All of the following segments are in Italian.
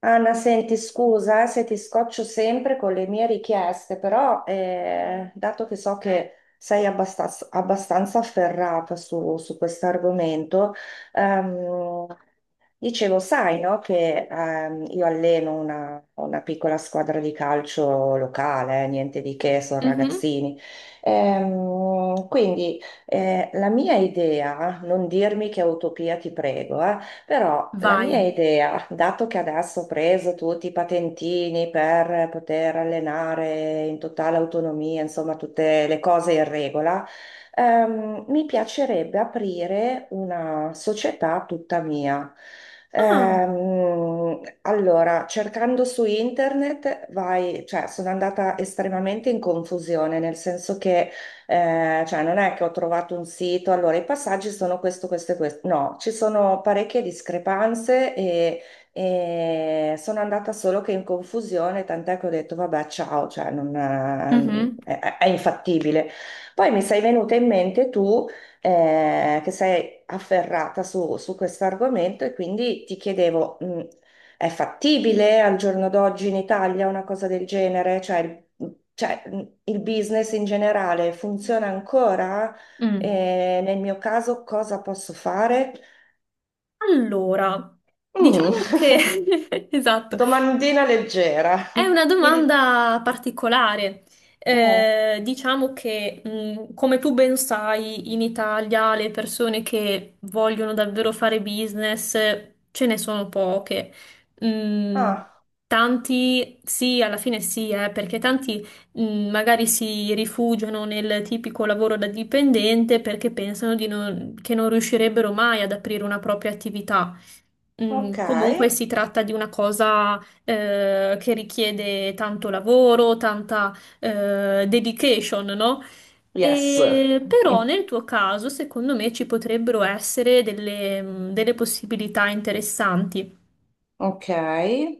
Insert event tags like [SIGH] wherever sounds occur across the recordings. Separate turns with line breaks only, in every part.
Anna, senti, scusa, se ti scoccio sempre con le mie richieste, però dato che so che sei abbastanza afferrata su, su questo argomento. ehm, Dicevo, sai, no, che io alleno una piccola squadra di calcio locale, niente di che, sono
Mhm.
ragazzini. Quindi la mia idea, non dirmi che è utopia, ti prego, però la
Vai.
mia idea, dato che adesso ho preso tutti i patentini per poter allenare in totale autonomia, insomma, tutte le cose in regola. Mi piacerebbe aprire una società tutta mia.
Ah,
Allora, cercando su internet, vai, cioè, sono andata estremamente in confusione, nel senso che, cioè, non è che ho trovato un sito, allora i passaggi sono questo, questo e questo. No, ci sono parecchie discrepanze, e sono andata solo che in confusione, tant'è che ho detto, vabbè, ciao, cioè, non,
mhm,
è infattibile. Poi mi sei venuta in mente tu, che sei afferrata su, su questo argomento e quindi ti chiedevo, è fattibile al giorno d'oggi in Italia una cosa del genere? Cioè, cioè, il business in generale funziona ancora?
mm.
E nel mio caso cosa posso fare?
Allora,
Mm.
diciamo che [LAUGHS]
[LAUGHS]
esatto,
Domandina leggera.
è una
Il...
domanda particolare.
eh,
Diciamo che, come tu ben sai, in Italia le persone che vogliono davvero fare business ce ne sono poche. Mm,
Ah,
Tanti, sì, alla fine sì, perché tanti, magari si rifugiano nel tipico lavoro da dipendente perché pensano di che non riuscirebbero mai ad aprire una propria attività.
ok.
Comunque si tratta di una cosa che richiede tanto lavoro, tanta dedication, no?
Yes.
E però
Mm,
nel tuo caso, secondo me, ci potrebbero essere delle possibilità interessanti.
ok,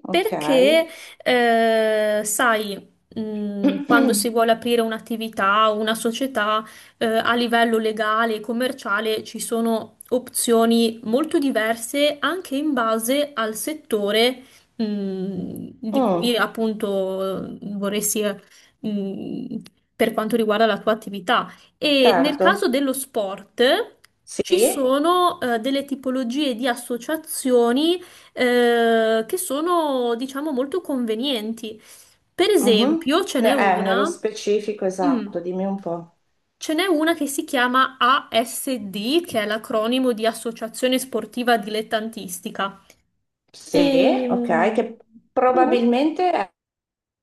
ok.
Perché, sai, quando si
[CLEARS THROAT]
vuole aprire un'attività o una società, a livello legale e commerciale ci sono opzioni molto diverse anche in base al settore, mh, di cui
Mm,
appunto vorresti, mh, per quanto riguarda la tua attività. E nel caso
certo,
dello sport ci
sì,
sono delle tipologie di associazioni che sono, diciamo, molto convenienti. Per
mhm.
esempio,
Nello specifico,
mm,
esatto, dimmi un po'.
ce n'è una che si chiama ASD, che è l'acronimo di Associazione Sportiva Dilettantistica.
Sì, ok,
Ehm,
che
mm,
probabilmente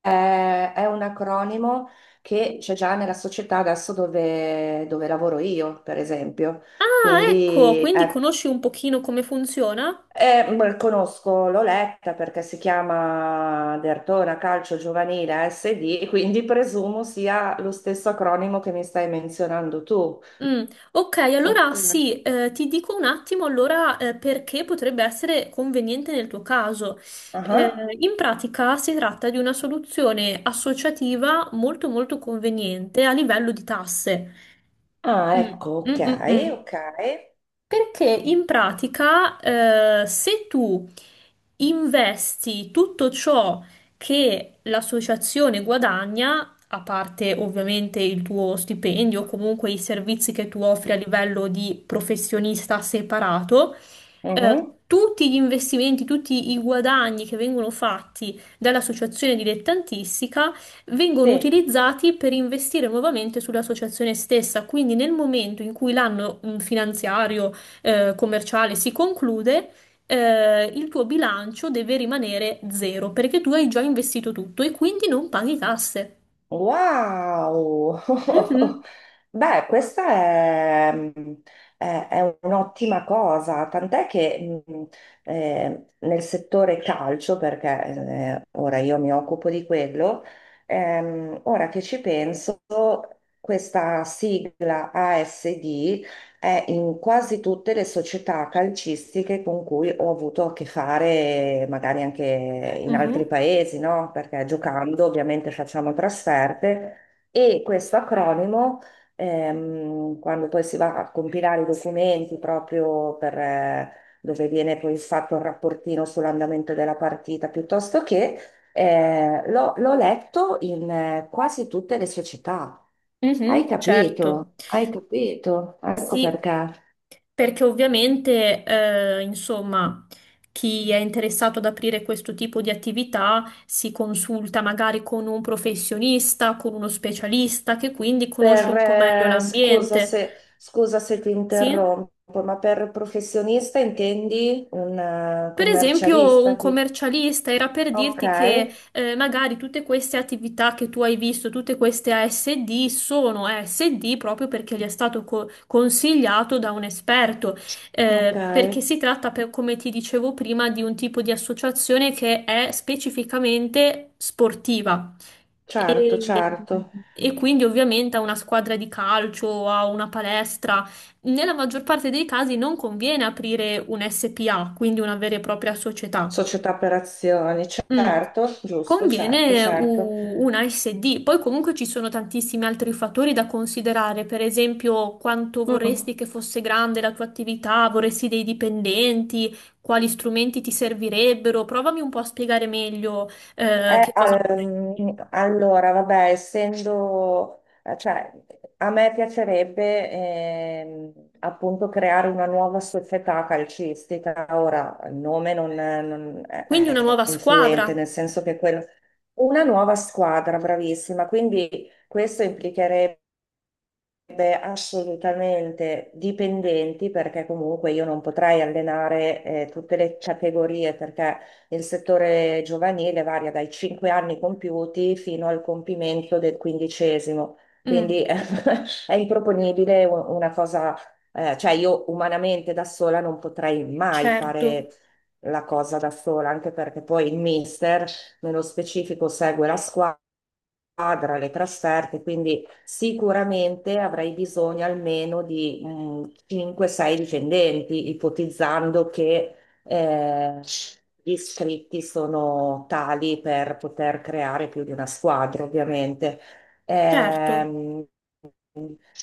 è, è un acronimo che c'è già nella società adesso dove lavoro io, per esempio.
Ah, ecco,
Quindi
quindi conosci un pochino come funziona?
conosco, l'ho letta perché si chiama Dertona Calcio Giovanile SD, quindi presumo sia lo stesso acronimo che mi stai menzionando tu.
Mm, ok,
Ok.
allora sì, ti dico un attimo allora perché potrebbe essere conveniente nel tuo caso.
Ah.
In pratica si tratta di una soluzione associativa molto molto conveniente a livello di tasse.
Ah,
Mm,
ecco, ok,
mm, mm, mm.
ok.
Perché in pratica, se tu investi tutto ciò che l'associazione guadagna, a parte ovviamente il tuo stipendio o comunque i servizi che tu offri a livello di professionista separato,
Mhm.
tutti gli investimenti, tutti i guadagni che vengono fatti dall'associazione dilettantistica vengono
Sì.
utilizzati per investire nuovamente sull'associazione stessa. Quindi nel momento in cui l'anno finanziario commerciale si conclude, il tuo bilancio deve rimanere zero perché tu hai già investito tutto e quindi non paghi tasse.
Wow! [LAUGHS]
Mhm,
Beh, questa è un'ottima cosa, tant'è che nel settore calcio, perché ora io mi occupo di quello, ora che ci penso, questa sigla ASD è in quasi tutte le società calcistiche con cui ho avuto a che fare, magari anche in altri
mhm,
paesi, no? Perché giocando ovviamente facciamo trasferte e questo acronimo, quando poi si va a compilare i documenti proprio per, dove viene poi fatto il rapportino sull'andamento della partita, piuttosto che, l'ho letto in quasi tutte le società.
mhm, certo.
Hai capito, ecco
Sì.
perché.
Perché ovviamente, insomma, chi è interessato ad aprire questo tipo di attività si consulta magari con un professionista, con uno specialista che quindi conosce un po' meglio
Scusa
l'ambiente.
se, scusa se ti
Sì?
interrompo, ma per professionista intendi un
Per esempio, un
commercialista?
commercialista era per
Ok,
dirti che magari tutte queste attività che tu hai visto, tutte queste ASD, sono ASD proprio perché gli è stato consigliato da un esperto,
ok,
perché si tratta, come ti dicevo prima, di un tipo di associazione che è specificamente sportiva.
certo,
E
certo.
e quindi ovviamente a una squadra di calcio, a una palestra. Nella maggior parte dei casi non conviene aprire un SPA, quindi una vera e propria società.
Società per azioni,
Mm.
certo, giusto, certo,
Conviene
certo.
una SD. Poi comunque ci sono tantissimi altri fattori da considerare, per esempio quanto
Mm.
vorresti che fosse grande la tua attività, vorresti dei dipendenti, quali strumenti ti servirebbero. Provami un po' a spiegare meglio che cosa vorresti.
Allora, vabbè, essendo, cioè, a me piacerebbe appunto creare una nuova società calcistica. Ora, il nome non, è non è-
Quindi una
è
nuova
influente,
squadra.
nel senso che quello... Una nuova squadra, bravissima. Quindi questo implicherebbe sarebbe assolutamente dipendenti perché comunque io non potrei allenare tutte le categorie perché il settore giovanile varia dai 5 anni compiuti fino al compimento del quindicesimo, quindi [LAUGHS]
Mm,
è improponibile una cosa, cioè io umanamente da sola non potrei mai
certo,
fare la cosa da sola, anche perché poi il mister nello specifico segue la squadra, le trasferte, quindi sicuramente avrei bisogno almeno di 5-6 dipendenti, ipotizzando che eh, gli iscritti sono tali per poter creare più di una squadra, ovviamente.
certo.
Ehm,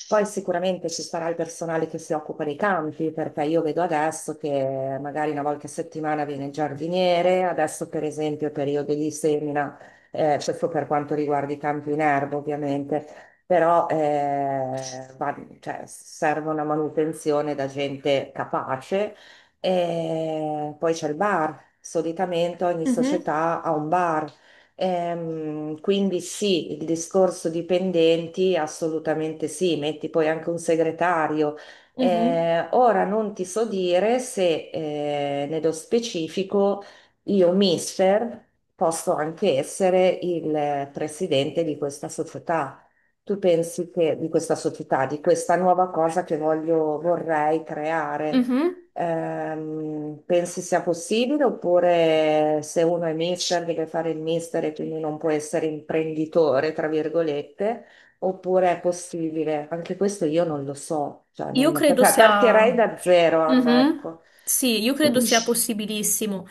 Poi sicuramente ci sarà il personale che si occupa dei campi, perché io vedo adesso che magari una volta a settimana viene il giardiniere, adesso per esempio è periodo di semina, questo per quanto riguarda i campi in erba ovviamente, però cioè, serve una manutenzione da gente capace. E poi c'è il bar, solitamente ogni
Mhm,
società ha un bar. Quindi sì, il discorso dipendenti, assolutamente sì, metti poi anche un segretario.
mhm,
Ora non ti so dire se nello specifico io, mister, posso anche essere il presidente di questa società. Tu pensi che di questa società, di questa nuova cosa che voglio, vorrei creare?
mhm.
Pensi sia possibile oppure se uno è mister deve fare il mister e quindi non può essere imprenditore, tra virgolette, oppure è possibile? Anche questo io non lo so, cioè non
Io credo sia...
partirei da zero, Anna,
Mhm.
ecco.
Sì, io credo sia possibilissimo,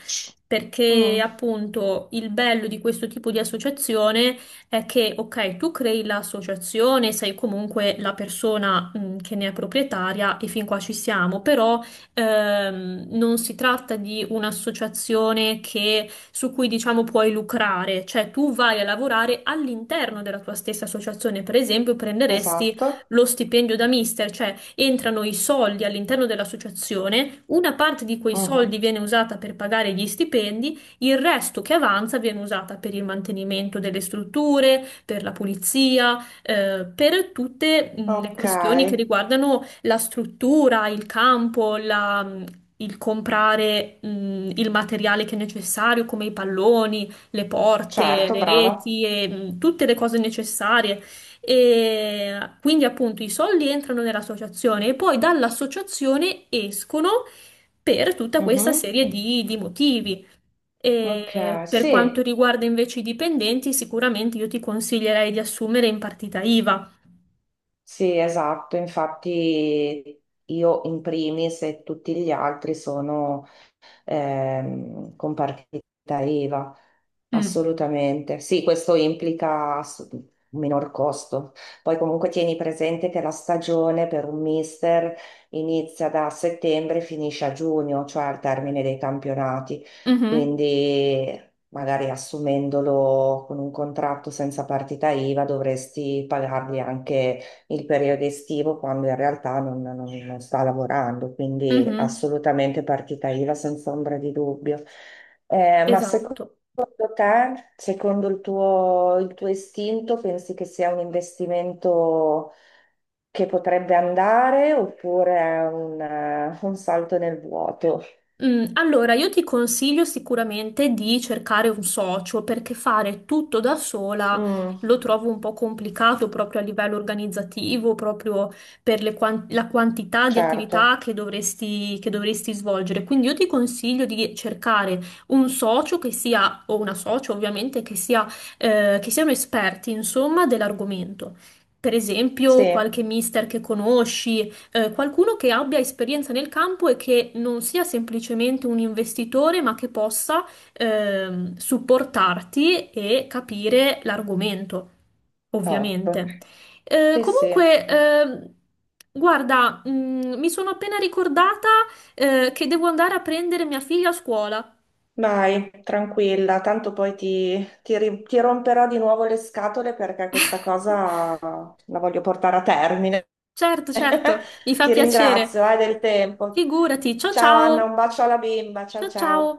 perché
Mm,
appunto il bello di questo tipo di associazione è che, ok, tu crei l'associazione, sei comunque la persona, che ne è proprietaria e fin qua ci siamo, però non si tratta di un'associazione su cui diciamo puoi lucrare, cioè tu vai a lavorare all'interno della tua stessa associazione, per esempio prenderesti
esatto.
lo stipendio da mister, cioè entrano i soldi all'interno dell'associazione, una parte di quei
Mhm.
soldi viene usata per pagare gli stipendi, il resto che avanza viene usata per il mantenimento delle strutture, per la pulizia, per tutte le
Ok,
questioni che riguardano la struttura, il campo, il comprare il materiale che è necessario, come i palloni, le porte,
certo,
le
brava.
reti e tutte le cose necessarie. E quindi appunto i soldi entrano nell'associazione e poi dall'associazione escono per tutta questa
Mhm.
serie di motivi.
Ok,
E per quanto
sì,
riguarda invece i dipendenti, sicuramente io ti consiglierei di assumere in partita IVA.
sì, esatto. Infatti io in primis e tutti gli altri sono, con partita IVA,
Mm.
assolutamente. Sì, questo implica un minor costo. Poi comunque tieni presente che la stagione per un mister inizia da settembre e finisce a giugno, cioè al termine dei campionati.
Mhm.
Quindi magari assumendolo con un contratto senza partita IVA dovresti pagargli anche il periodo estivo quando in realtà non sta lavorando, quindi
Mhm.
assolutamente partita IVA senza ombra di dubbio. Ma secondo
Esatto.
te, secondo il tuo istinto, pensi che sia un investimento che potrebbe andare oppure è un salto nel vuoto?
Allora, io ti consiglio sicuramente di cercare un socio perché fare tutto da sola
Mm,
lo trovo un po' complicato proprio a livello organizzativo, proprio per la quantità di
certo,
attività che dovresti svolgere. Quindi io ti consiglio di cercare un socio che sia, o una socio ovviamente, che sia, che siano esperti, insomma, dell'argomento. Per
sì,
esempio, qualche mister che conosci qualcuno che abbia esperienza nel campo e che non sia semplicemente un investitore, ma che possa supportarti e capire l'argomento,
top.
ovviamente.
Sì, sì.
Comunque, guarda, mi sono appena ricordata che devo andare a prendere mia figlia a scuola.
Vai, tranquilla, tanto poi ti romperò di nuovo le scatole perché questa cosa
[LAUGHS]
la voglio portare a termine.
Certo, certo, mi
[LAUGHS]
fa
Ti
piacere.
ringrazio, hai del tempo.
Figurati, ciao
Ciao Anna,
ciao.
un bacio alla bimba, ciao
Ciao ciao.
ciao.